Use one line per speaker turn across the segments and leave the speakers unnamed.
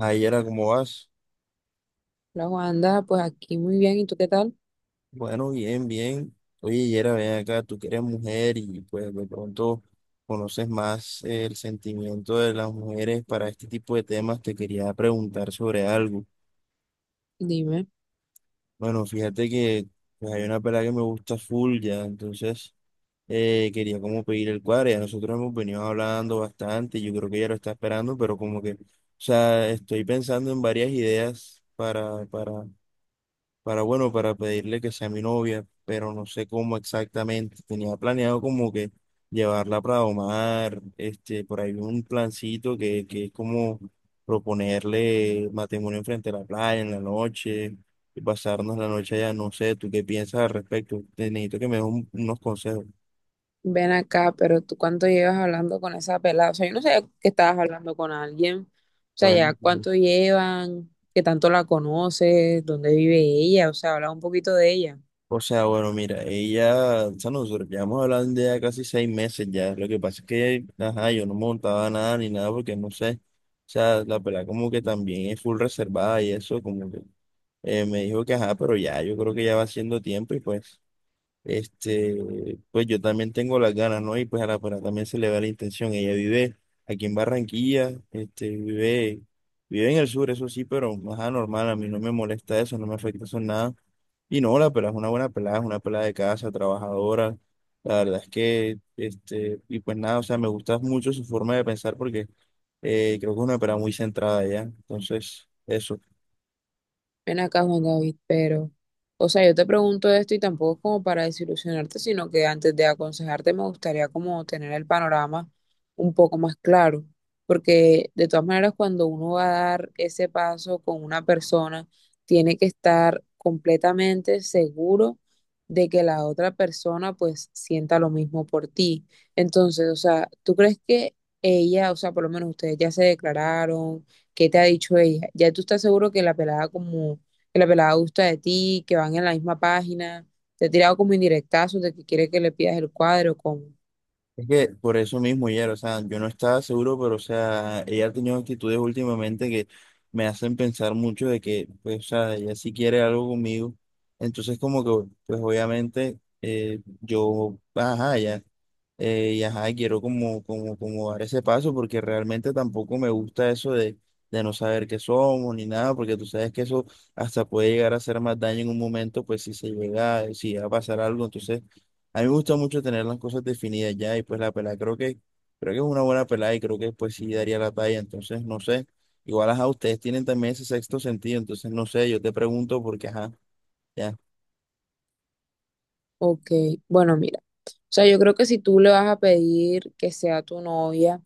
Ay, Yera, ¿cómo vas?
La Wanda, pues aquí muy bien, ¿y tú qué tal?
Bueno, bien, bien. Oye, Yera, ven acá, tú que eres mujer y pues de pronto conoces más el sentimiento de las mujeres para este tipo de temas, te quería preguntar sobre algo.
Dime,
Bueno, fíjate que pues, hay una pelada que me gusta full ya, entonces quería como pedir el cuadro, ya nosotros hemos venido hablando bastante, yo creo que ella lo está esperando, pero como que, o sea, estoy pensando en varias ideas para, bueno, para pedirle que sea mi novia, pero no sé cómo exactamente. Tenía planeado como que llevarla para Omar, por ahí un plancito que es como proponerle matrimonio frente a la playa en la noche y pasarnos la noche allá. No sé, ¿tú qué piensas al respecto? Te necesito que me des unos consejos.
ven acá, pero ¿tú cuánto llevas hablando con esa pelada? O sea, yo no sé que estabas hablando con alguien, o sea,
Bueno.
ya cuánto llevan, qué tanto la conoces, dónde vive ella, o sea, habla un poquito de ella.
O sea, bueno, mira, ella, o sea, nosotros llevamos hablando ya casi 6 meses ya. Lo que pasa es que, ajá, yo no montaba nada ni nada porque no sé. O sea, la pelada como que también es full reservada y eso, como que me dijo que ajá, pero ya, yo creo que ya va siendo tiempo y pues, pues yo también tengo las ganas, ¿no? Y pues a la pelada también se le va la intención. Ella vive aquí en Barranquilla, vive en el sur, eso sí, pero ajá, normal, a mí no me molesta eso, no me afecta eso en nada. Y no, la pelada es una buena pelada, es una pelada de casa, trabajadora. La verdad es que, y pues nada, o sea, me gusta mucho su forma de pensar porque creo que es una pelada muy centrada ya. Entonces, eso.
Ven acá, Juan David, pero, o sea, yo te pregunto esto y tampoco es como para desilusionarte, sino que antes de aconsejarte me gustaría como tener el panorama un poco más claro, porque de todas maneras cuando uno va a dar ese paso con una persona, tiene que estar completamente seguro de que la otra persona pues sienta lo mismo por ti. Entonces, o sea, ¿tú crees que ella, o sea, por lo menos ustedes ya se declararon? ¿Qué te ha dicho ella? Ya tú estás seguro que la pelada gusta de ti, que van en la misma página, te ha tirado como indirectazos de que quiere que le pidas el cuadro, como,
Es que por eso mismo, ya, o sea, yo no estaba seguro, pero, o sea, ella ha tenido actitudes últimamente que me hacen pensar mucho de que, pues, o sea, ella sí quiere algo conmigo. Entonces, como que, pues, obviamente, yo, ajá, ya. Y ajá, quiero como dar ese paso porque realmente tampoco me gusta eso de no saber qué somos ni nada, porque tú sabes que eso hasta puede llegar a hacer más daño en un momento, pues si se llega, si llega a pasar algo. Entonces, a mí me gusta mucho tener las cosas definidas ya y pues la pelada creo que es una buena pelada y creo que pues sí daría la talla. Entonces, no sé, igual ajá, ustedes tienen también ese sexto sentido, entonces no sé, yo te pregunto porque ajá, ya.
ok. Bueno, mira, o sea, yo creo que si tú le vas a pedir que sea tu novia,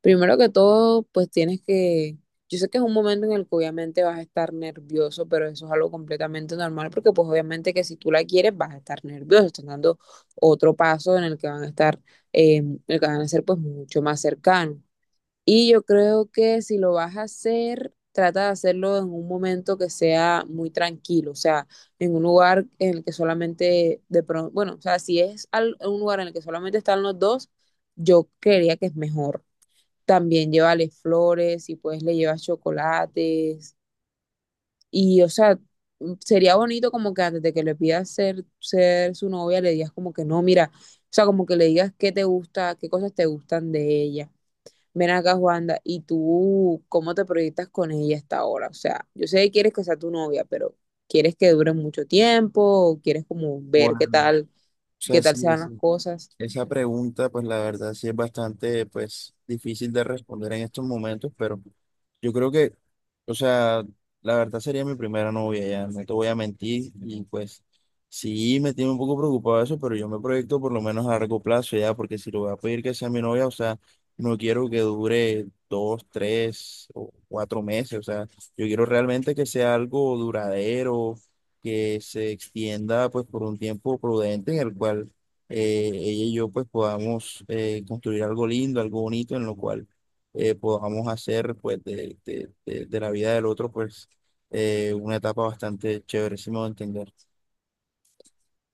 primero que todo, pues tienes que, yo sé que es un momento en el que obviamente vas a estar nervioso, pero eso es algo completamente normal, porque pues obviamente que si tú la quieres vas a estar nervioso, estás dando otro paso en el que van a estar, en el que van a ser pues mucho más cercanos. Y yo creo que si lo vas a hacer, trata de hacerlo en un momento que sea muy tranquilo, o sea, en un lugar en el que solamente de pronto, bueno, o sea, si es un lugar en el que solamente están los dos, yo creería que es mejor. También llévale flores, si puedes le llevas chocolates y, o sea, sería bonito como que antes de que le pidas ser, ser su novia, le digas como que no, mira, o sea, como que le digas qué te gusta, qué cosas te gustan de ella. Ven acá, Juanda, ¿y tú cómo te proyectas con ella hasta ahora? O sea, yo sé que quieres que sea tu novia, pero ¿quieres que dure mucho tiempo? ¿O ¿quieres como ver
Bueno, o
qué
sea,
tal
sí,
se van las
sí.
cosas?
Esa pregunta, pues la verdad sí es bastante, pues, difícil de responder en estos momentos, pero yo creo que, o sea, la verdad sería mi primera novia ya, no te voy a mentir, y pues sí me tiene un poco preocupado eso, pero yo me proyecto por lo menos a largo plazo ya, porque si lo voy a pedir que sea mi novia, o sea, no quiero que dure 2, 3 o 4 meses, o sea, yo quiero realmente que sea algo duradero, que se extienda pues por un tiempo prudente en el cual ella y yo pues podamos construir algo lindo, algo bonito en lo cual podamos hacer pues de la vida del otro pues una etapa bastante chévere, si me voy a entender.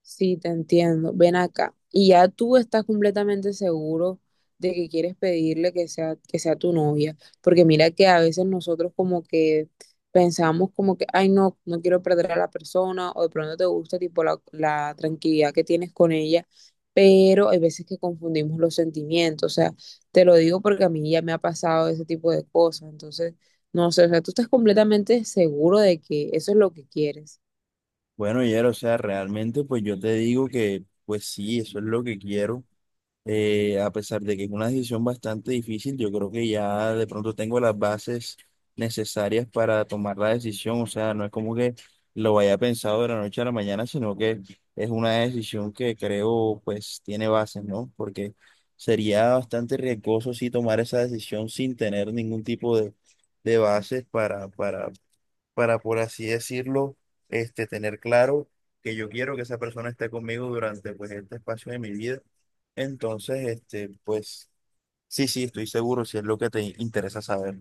Sí, te entiendo. Ven acá. Y ya tú estás completamente seguro de que quieres pedirle que sea tu novia. Porque mira que a veces nosotros como que pensamos como que, ay, no, no quiero perder a la persona o de pronto te gusta tipo la tranquilidad que tienes con ella. Pero hay veces que confundimos los sentimientos. O sea, te lo digo porque a mí ya me ha pasado ese tipo de cosas. Entonces, no sé, o sea, tú estás completamente seguro de que eso es lo que quieres.
Bueno, Yero, o sea, realmente pues yo te digo que pues sí, eso es lo que quiero. A pesar de que es una decisión bastante difícil, yo creo que ya de pronto tengo las bases necesarias para tomar la decisión. O sea, no es como que lo haya pensado de la noche a la mañana, sino que es una decisión que creo pues tiene bases, ¿no? Porque sería bastante riesgoso si tomar esa decisión sin tener ningún tipo de bases para, por así decirlo, tener claro que yo quiero que esa persona esté conmigo durante, pues, este espacio de mi vida. Entonces, pues, sí, sí, estoy seguro si es lo que te interesa saber.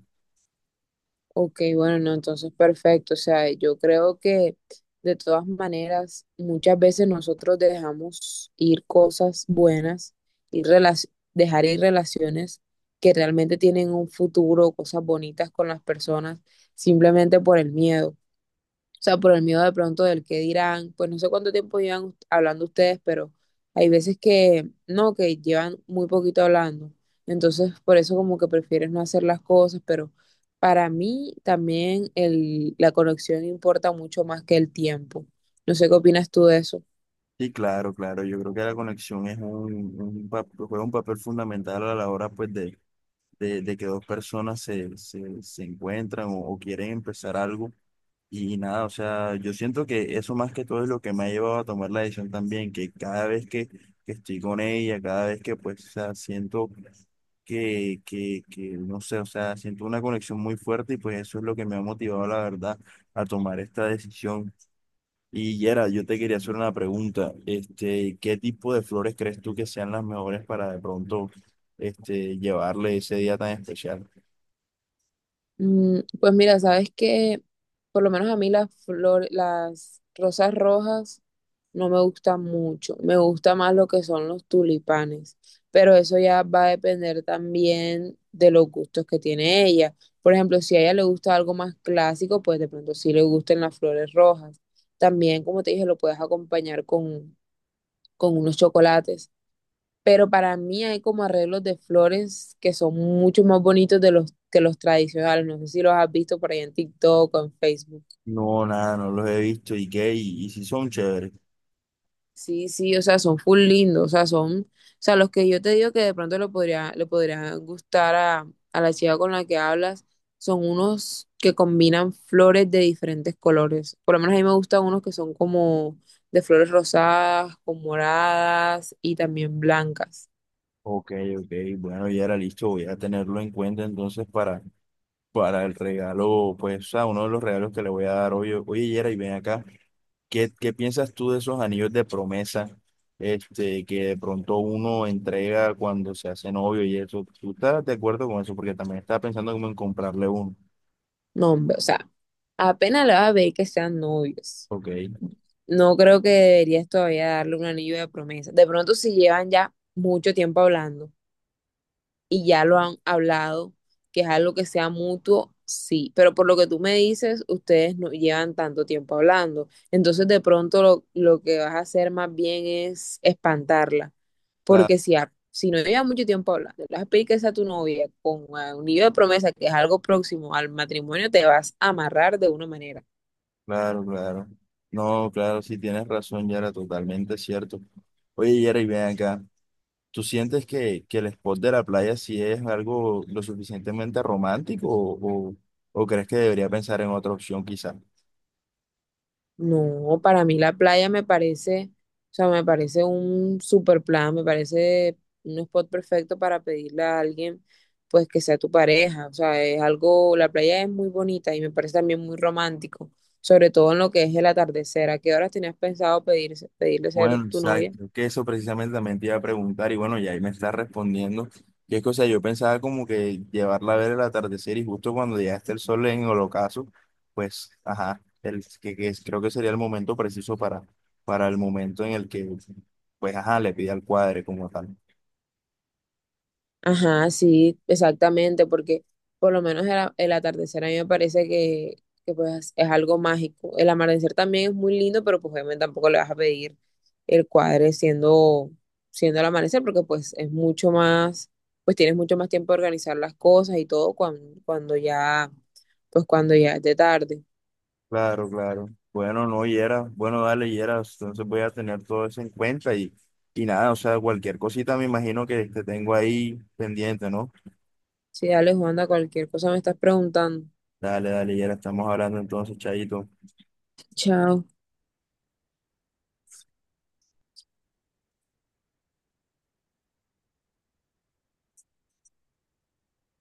Ok, bueno, no, entonces perfecto. O sea, yo creo que de todas maneras, muchas veces nosotros dejamos ir cosas buenas y dejar ir relaciones que realmente tienen un futuro, cosas bonitas con las personas, simplemente por el miedo. O sea, por el miedo de pronto del qué dirán, pues no sé cuánto tiempo llevan hablando ustedes, pero hay veces que no, que llevan muy poquito hablando. Entonces, por eso como que prefieres no hacer las cosas, pero para mí también la conexión importa mucho más que el tiempo. No sé qué opinas tú de eso.
Sí, claro, claro. Yo creo que la conexión es un juega un papel fundamental a la hora pues, de que dos personas se encuentran o quieren empezar algo. Y nada, o sea, yo siento que eso más que todo es lo que me ha llevado a tomar la decisión también, que cada vez que estoy con ella, cada vez que pues, o sea, siento que, no sé, o sea, siento una conexión muy fuerte y pues eso es lo que me ha motivado, la verdad, a tomar esta decisión. Y Yera, yo te quería hacer una pregunta, ¿qué tipo de flores crees tú que sean las mejores para de pronto, llevarle ese día tan especial?
Mm, pues mira, sabes que por lo menos a mí las flores, las rosas rojas no me gustan mucho. Me gusta más lo que son los tulipanes, pero eso ya va a depender también de los gustos que tiene ella. Por ejemplo, si a ella le gusta algo más clásico, pues de pronto sí le gusten las flores rojas. También, como te dije, lo puedes acompañar con unos chocolates, pero para mí hay como arreglos de flores que son mucho más bonitos de los que los tradicionales. No sé si los has visto por ahí en TikTok o en Facebook.
No, nada, no los he visto, ¿y qué? ¿Y si son chéveres?
Sí, sí, o sea, son full lindos, o sea, son, o sea, los que yo te digo que de pronto le podría gustar a la chica con la que hablas, son unos que combinan flores de diferentes colores. Por lo menos a mí me gustan unos que son como de flores rosadas, con moradas y también blancas.
Ok, ok, bueno, ya era listo, voy a tenerlo en cuenta entonces para el regalo, pues, o sea, uno de los regalos que le voy a dar hoy. Oye, Yera, y ven acá, ¿qué piensas tú de esos anillos de promesa, que de pronto uno entrega cuando se hace novio y eso? ¿Tú estás de acuerdo con eso? Porque también estaba pensando como en comprarle uno.
No, hombre, o sea, apenas la vas a ver que sean novios.
Ok,
No creo que deberías todavía darle un anillo de promesa. De pronto, si llevan ya mucho tiempo hablando y ya lo han hablado, que es algo que sea mutuo, sí. Pero por lo que tú me dices, ustedes no llevan tanto tiempo hablando. Entonces, de pronto, lo que vas a hacer más bien es espantarla.
claro,
Porque si, si no llevan mucho tiempo hablando, le vas a pedir que sea tu novia con un anillo de promesa, que es algo próximo al matrimonio, te vas a amarrar de una manera.
claro, claro. No, claro, sí tienes razón, Yera, totalmente cierto. Oye, Yera, y ven acá. ¿Tú sientes que el spot de la playa sí es algo lo suficientemente romántico o, o crees que debería pensar en otra opción quizás?
No, para mí la playa me parece, o sea, me parece un super plan, me parece un spot perfecto para pedirle a alguien, pues que sea tu pareja, o sea, es algo, la playa es muy bonita y me parece también muy romántico, sobre todo en lo que es el atardecer. ¿A qué horas tenías pensado pedir, pedirle ser
Bueno,
tu novia?
exacto, que eso precisamente también te iba a preguntar y bueno, ya ahí me estás respondiendo. Que es que, o sea, yo pensaba como que llevarla a ver el atardecer y justo cuando ya esté el sol en el ocaso, pues, ajá, el, que es- creo que sería el momento preciso para el momento en el que, pues, ajá, le pide al cuadre como tal.
Ajá, sí, exactamente, porque por lo menos el, el atardecer a mí me parece que pues es algo mágico. El amanecer también es muy lindo, pero pues obviamente tampoco le vas a pedir el cuadre siendo, siendo el amanecer, porque pues es mucho más, pues tienes mucho más tiempo de organizar las cosas y todo cuando, cuando ya, pues cuando ya es de tarde.
Claro, claro. Bueno, no, Yera. Bueno, dale, Yera. Entonces voy a tener todo eso en cuenta y nada, o sea, cualquier cosita me imagino que te tengo ahí pendiente, ¿no?
Sí, dale, Juanda, cualquier cosa me estás preguntando.
Dale, dale, Yera. Estamos hablando entonces, Chayito.
Chao.